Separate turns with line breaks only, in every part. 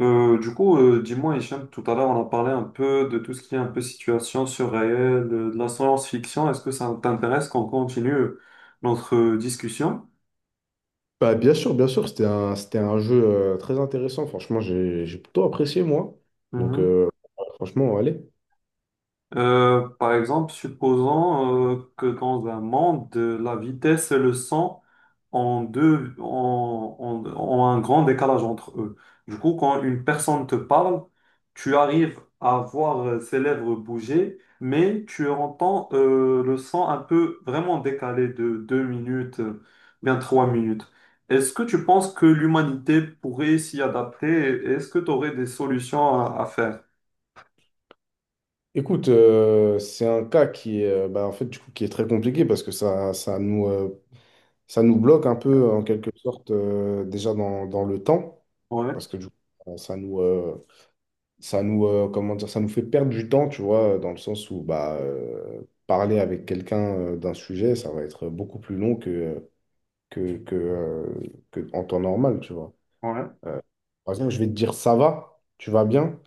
Dis-moi, Hicham, tout à l'heure, on a parlé un peu de tout ce qui est un peu situation surréelle, de la science-fiction. Est-ce que ça t'intéresse qu'on continue notre discussion?
Bah, bien sûr, c'était un jeu très intéressant. Franchement, j'ai plutôt apprécié, moi. Donc, franchement, allez.
Par exemple, supposons que dans un monde, la vitesse et le son ont, ont un grand décalage entre eux. Du coup, quand une personne te parle, tu arrives à voir ses lèvres bouger, mais tu entends le son un peu vraiment décalé de 2 minutes, bien 3 minutes. Est-ce que tu penses que l'humanité pourrait s'y adapter? Et est-ce que tu aurais des solutions à faire?
Écoute, c'est un cas qui est, bah, en fait, du coup, qui est très compliqué parce que ça nous bloque un peu, en quelque sorte, déjà dans le temps.
Ouais,
Parce que, du coup, euh, ça nous, euh, comment dire, ça nous fait perdre du temps, tu vois, dans le sens où bah, parler avec quelqu'un d'un sujet, ça va être beaucoup plus long que, que, euh, que en temps normal, tu vois.
ouais.
Euh, Par exemple, je vais te dire ça va, tu vas bien.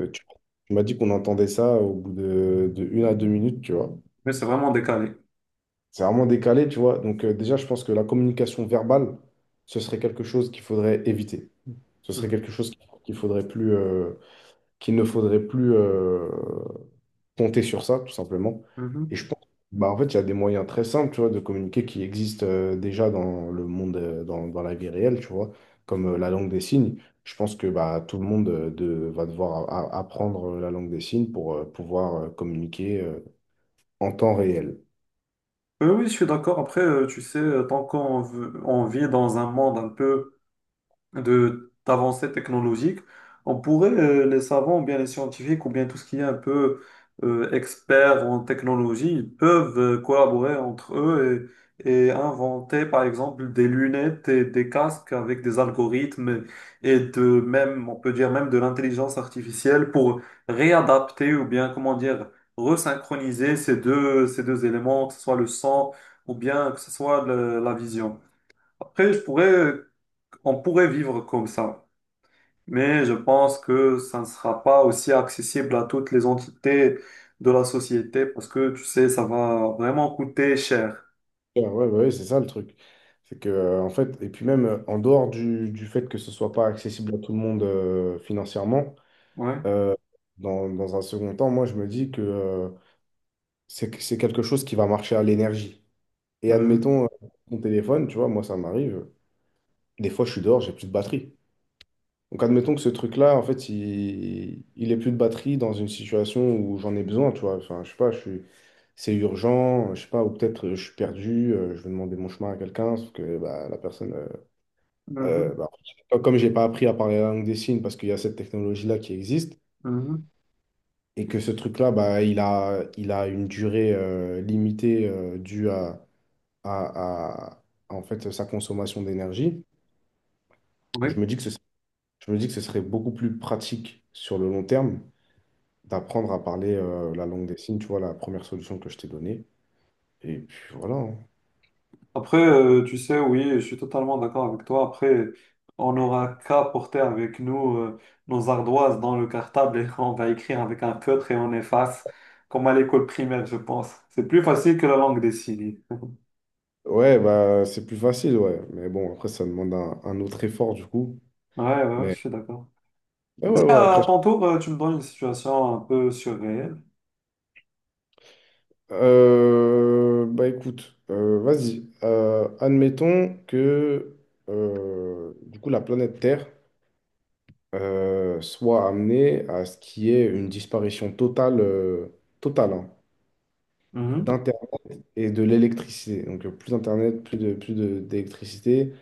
Euh, tu tu m'as dit qu'on entendait ça au bout de une à deux minutes, tu vois.
Mais c'est vraiment décalé.
C'est vraiment décalé, tu vois. Donc déjà, je pense que la communication verbale, ce serait quelque chose qu'il faudrait éviter. Ce serait
Mhm.
quelque chose qu'il faudrait plus, euh, qu'il ne faudrait plus. Compter sur ça, tout simplement. Et
Mhm.
je pense, bah, en fait, il y a des moyens très simples, tu vois, de communiquer qui existent déjà dans le monde, dans la vie réelle, tu vois, comme la langue des signes. Je pense que bah, tout le monde va devoir apprendre la langue des signes pour pouvoir communiquer en temps réel.
Oui, je suis d'accord. Après, tu sais, tant on vit dans un monde un peu de d'avancées technologiques, on pourrait, les savants, ou bien les scientifiques, ou bien tout ce qui est un peu expert en technologie, ils peuvent collaborer entre eux et inventer, par exemple, des lunettes et des casques avec des algorithmes et de même, on peut dire même de l'intelligence artificielle pour réadapter ou bien, comment dire, resynchroniser ces deux éléments, que ce soit le sang ou bien que ce soit la vision. Après, je pourrais on pourrait vivre comme ça, mais je pense que ça ne sera pas aussi accessible à toutes les entités de la société parce que, tu sais, ça va vraiment coûter cher.
Ouais, ouais, ouais, c'est ça le truc. C'est que, en fait, et puis même en dehors du fait que ce soit pas accessible à tout le monde financièrement,
Ouais.
euh, dans un second temps, moi, je me dis que c'est quelque chose qui va marcher à l'énergie. Et
Mhm.
admettons, mon téléphone, tu vois, moi, ça m'arrive. Des fois, je suis dehors, j'ai plus de batterie. Donc, admettons que ce truc-là, en fait, il ait plus de batterie dans une situation où j'en ai besoin, tu vois. Enfin, je sais pas, c'est urgent, je sais pas, ou peut-être je suis perdu, je vais demander mon chemin à quelqu'un, sauf que bah, la personne,
Mhm.
bah, comme j'ai pas appris à parler la langue des signes parce qu'il y a cette technologie-là qui existe,
Mhm.
et que ce truc-là, bah, il a une durée limitée due à en fait, sa consommation d'énergie, je
Oui.
me dis que ce, je me dis que ce serait beaucoup plus pratique sur le long terme d'apprendre à parler la langue des signes, tu vois, la première solution que je t'ai donnée. Et puis voilà, hein.
Après, tu sais, oui, je suis totalement d'accord avec toi. Après, on n'aura qu'à porter avec nous nos ardoises dans le cartable et on va écrire avec un feutre et on efface, comme à l'école primaire, je pense. C'est plus facile que la langue des signes.
Ouais, bah c'est plus facile, ouais. Mais bon, après, ça demande un autre effort, du coup.
Ouais, ouais, ouais, je
Mais
suis d'accord.
mais ouais,
Vas-y,
ouais,
à
après.
ton tour, tu me donnes une situation un peu surréelle.
Bah écoute, vas-y. Admettons que, du coup, la planète Terre soit amené à ce qu'il y ait une disparition totale, totale hein,
Mhm,
d'Internet et de l'électricité. Donc plus d'Internet, plus d'électricité.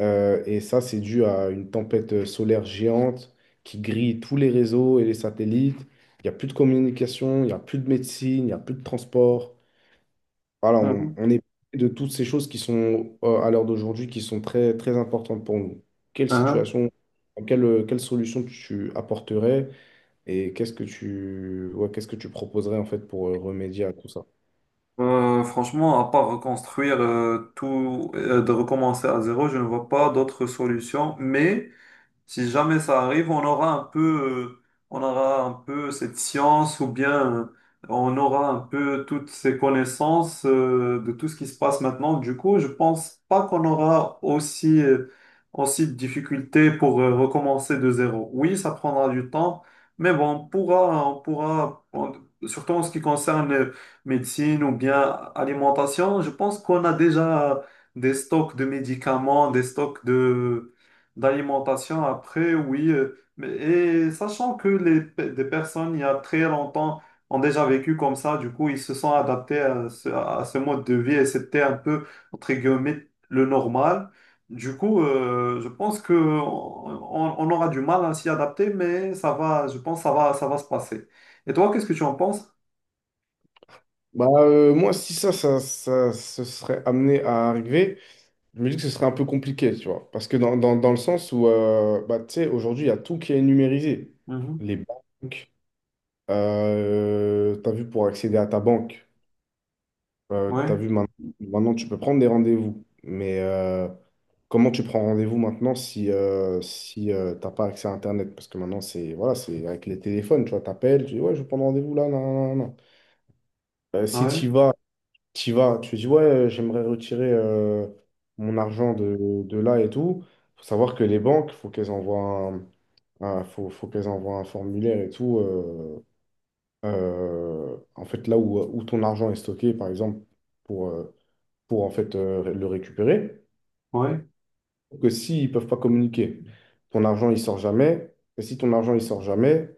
Et ça, c'est dû à une tempête solaire géante qui grille tous les réseaux et les satellites. Il n'y a plus de communication, il n'y a plus de médecine, il n'y a plus de transport. Voilà, on,
mhm,
on est privé de toutes ces choses qui sont à l'heure d'aujourd'hui, qui sont très, très importantes pour nous. Quelle
hein.
situation, quelle solution tu apporterais? Et ouais, qu'est-ce que tu proposerais en fait pour remédier à tout ça?
Franchement, à part reconstruire tout, de recommencer à zéro, je ne vois pas d'autre solution. Mais si jamais ça arrive, on aura un peu, euh, on aura un peu cette science ou bien on aura un peu toutes ces connaissances de tout ce qui se passe maintenant. Du coup, je pense pas qu'on aura aussi, aussi de difficultés pour recommencer de zéro. Oui, ça prendra du temps, mais bon, surtout en ce qui concerne médecine ou bien alimentation, je pense qu'on a déjà des stocks de médicaments, des stocks de d'alimentation après, oui. Et sachant que des personnes, il y a très longtemps, ont déjà vécu comme ça, du coup, ils se sont adaptés à ce mode de vie et c'était un peu, entre guillemets, le normal. Du coup, je pense que on aura du mal à s'y adapter, mais ça va, je pense, ça va se passer. Et toi, qu'est-ce que tu en penses?
Bah, moi, si ça se serait amené à arriver, je me dis que ce serait un peu compliqué, tu vois. Parce que dans le sens où, bah, tu sais, aujourd'hui, il y a tout qui est numérisé.
Mhm.
Les banques, tu as vu pour accéder à ta banque. T'as
Ouais,
vu, maintenant, tu peux prendre des rendez-vous, mais comment tu prends rendez-vous maintenant si t'as pas accès à Internet? Parce que maintenant, c'est voilà, c'est avec les téléphones, tu vois, t'appelles, tu dis, ouais, je veux prendre rendez-vous là, non, non, non. Si t'y
ouais,
vas, t'y vas, tu dis, ouais, j'aimerais retirer mon argent de là et tout. Faut savoir que les banques, faut qu'elles envoient un formulaire et tout. En fait, là où ton argent est stocké, par exemple, pour euh, pour en fait le récupérer.
ouais.
Que s'ils peuvent pas communiquer, ton argent il sort jamais. Et si ton argent il sort jamais,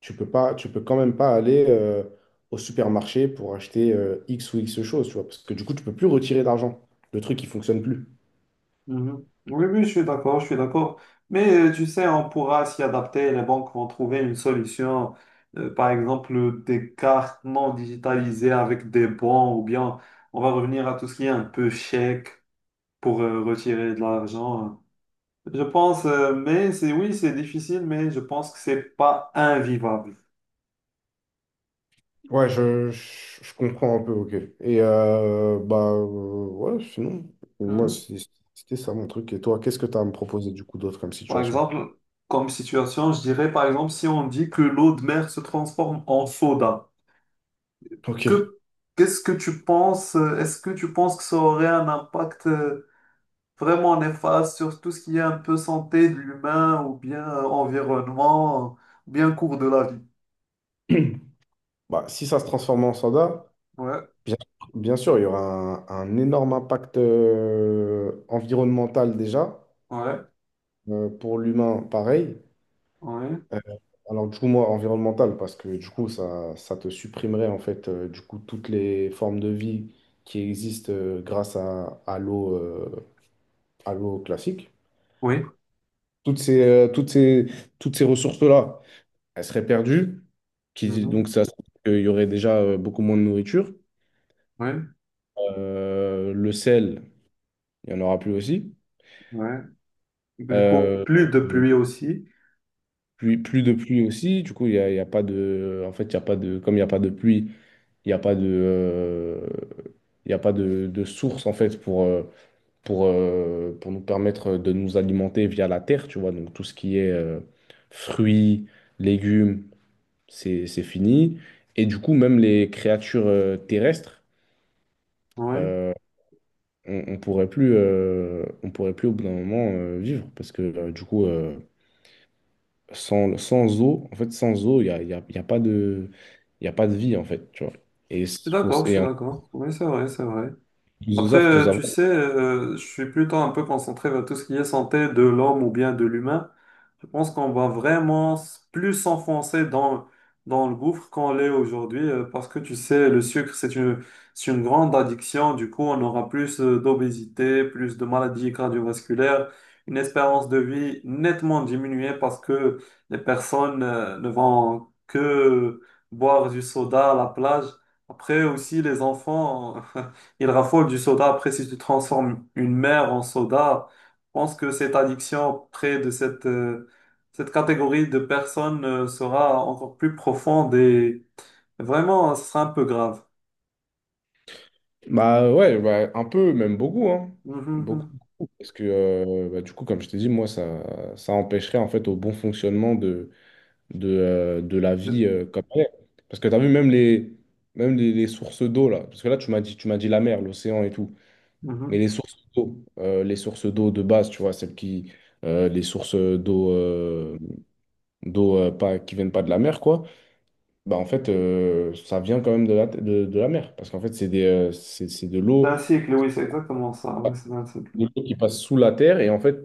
tu peux quand même pas aller au supermarché pour acheter X ou X choses, tu vois, parce que du coup tu peux plus retirer d'argent. Le truc il fonctionne plus.
Mhm. Oui, oui, je suis d'accord, je suis d'accord. Mais tu sais, on pourra s'y adapter, les banques vont trouver une solution, par exemple des cartes non digitalisées avec des bons, ou bien on va revenir à tout ce qui est un peu chèque pour retirer de l'argent. Je pense, mais c'est oui, c'est difficile, mais je pense que c'est pas invivable.
Ouais, je comprends un peu, ok. Et bah ouais, sinon, moi
Mhm.
c'était ça mon truc. Et toi, qu'est-ce que tu as à me proposer du coup d'autre comme
Par
situation?
exemple, comme situation, je dirais par exemple si on dit que l'eau de mer se transforme en soda.
Ok.
Que, Qu'est-ce que tu penses? Est-ce que tu penses que ça aurait un impact vraiment néfaste sur tout ce qui est un peu santé de l'humain ou bien environnement, ou bien cours de la vie?
Bah, si ça se transforme en soda,
Ouais,
Bien, bien sûr, il y aura un énorme impact environnemental déjà,
ouais,
pour l'humain pareil.
ouais,
Euh, alors du coup, moi, environnemental, parce que du coup, ça te supprimerait en fait du coup toutes les formes de vie qui existent grâce à l'eau à l'eau classique.
oui,
Toutes ces, euh, toutes ces, toutes ces ressources-là, elles seraient perdues, qui,
mhm,
donc ça, il y aurait déjà beaucoup moins de nourriture.
ouais,
Le sel, il n'y en aura plus aussi.
ouais. Du coup,
Euh,
plus de
euh,
pluie aussi.
plus de pluie aussi, du coup, il y a pas de. En fait, il y a pas de. Comme il n'y a pas de pluie, il n'y a pas de. Il n'y a pas de source, en fait, pour nous permettre de nous alimenter via la terre, tu vois. Donc, tout ce qui est fruits, légumes, c'est fini. Et du coup, même les créatures terrestres,
Oui,
euh, on pourrait plus, au bout d'un moment, vivre. Parce que, du coup. Sans eau, en fait, sans eau, il y a pas de vie, en fait, tu vois. Et,
je suis
s- faut,
d'accord, je
et
suis
en
d'accord. Oui, c'est vrai, c'est vrai.
plus de
Après,
ça, faut savoir.
tu sais, je suis plutôt un peu concentré vers tout ce qui est santé de l'homme ou bien de l'humain. Je pense qu'on va vraiment plus s'enfoncer dans, dans le gouffre qu'on l'est aujourd'hui, parce que tu sais, le sucre, c'est une grande addiction. Du coup, on aura plus d'obésité, plus de maladies cardiovasculaires, une espérance de vie nettement diminuée parce que les personnes ne vont que boire du soda à la plage. Après aussi, les enfants. Il raffole du soda. Après, si tu transformes une mer en soda, je pense que cette addiction près de cette, cette catégorie de personnes sera encore plus profonde et vraiment, ce sera un peu grave.
Bah ouais, bah, un peu, même beaucoup, hein.
Mhm,
Beaucoup,
mhm.
beaucoup. Parce que, bah, du coup, comme je t'ai dit, moi, ça empêcherait, en fait, au bon fonctionnement de la vie
De-
comme elle est. Parce que tu as vu, les sources d'eau, là. Parce que là, tu m'as dit la mer, l'océan et tout.
mhm.
Mais les sources d'eau de base, tu vois, celles qui. Les sources d'eau. D'eau pas, qui viennent pas de la mer, quoi, bah en fait, ça vient quand même de la mer. Parce qu'en fait, c'est de
C'est
l'eau,
un cycle, oui, c'est exactement ça. Oui, c'est un cycle.
de l'eau qui passe sous la terre. Et en fait,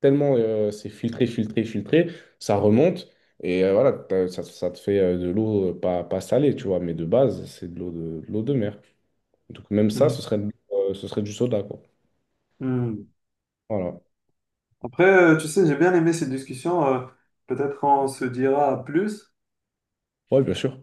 tellement c'est filtré, filtré, filtré, ça remonte. Et voilà, ça te fait de l'eau pas salée, tu vois. Mais de base, c'est de l'eau de mer. Donc même ça, ce
Mhm,
serait, ce serait du soda, quoi.
mhm.
Voilà.
Après, tu sais, j'ai bien aimé cette discussion. Peut-être on se dira à plus.
Ouais, bien sûr.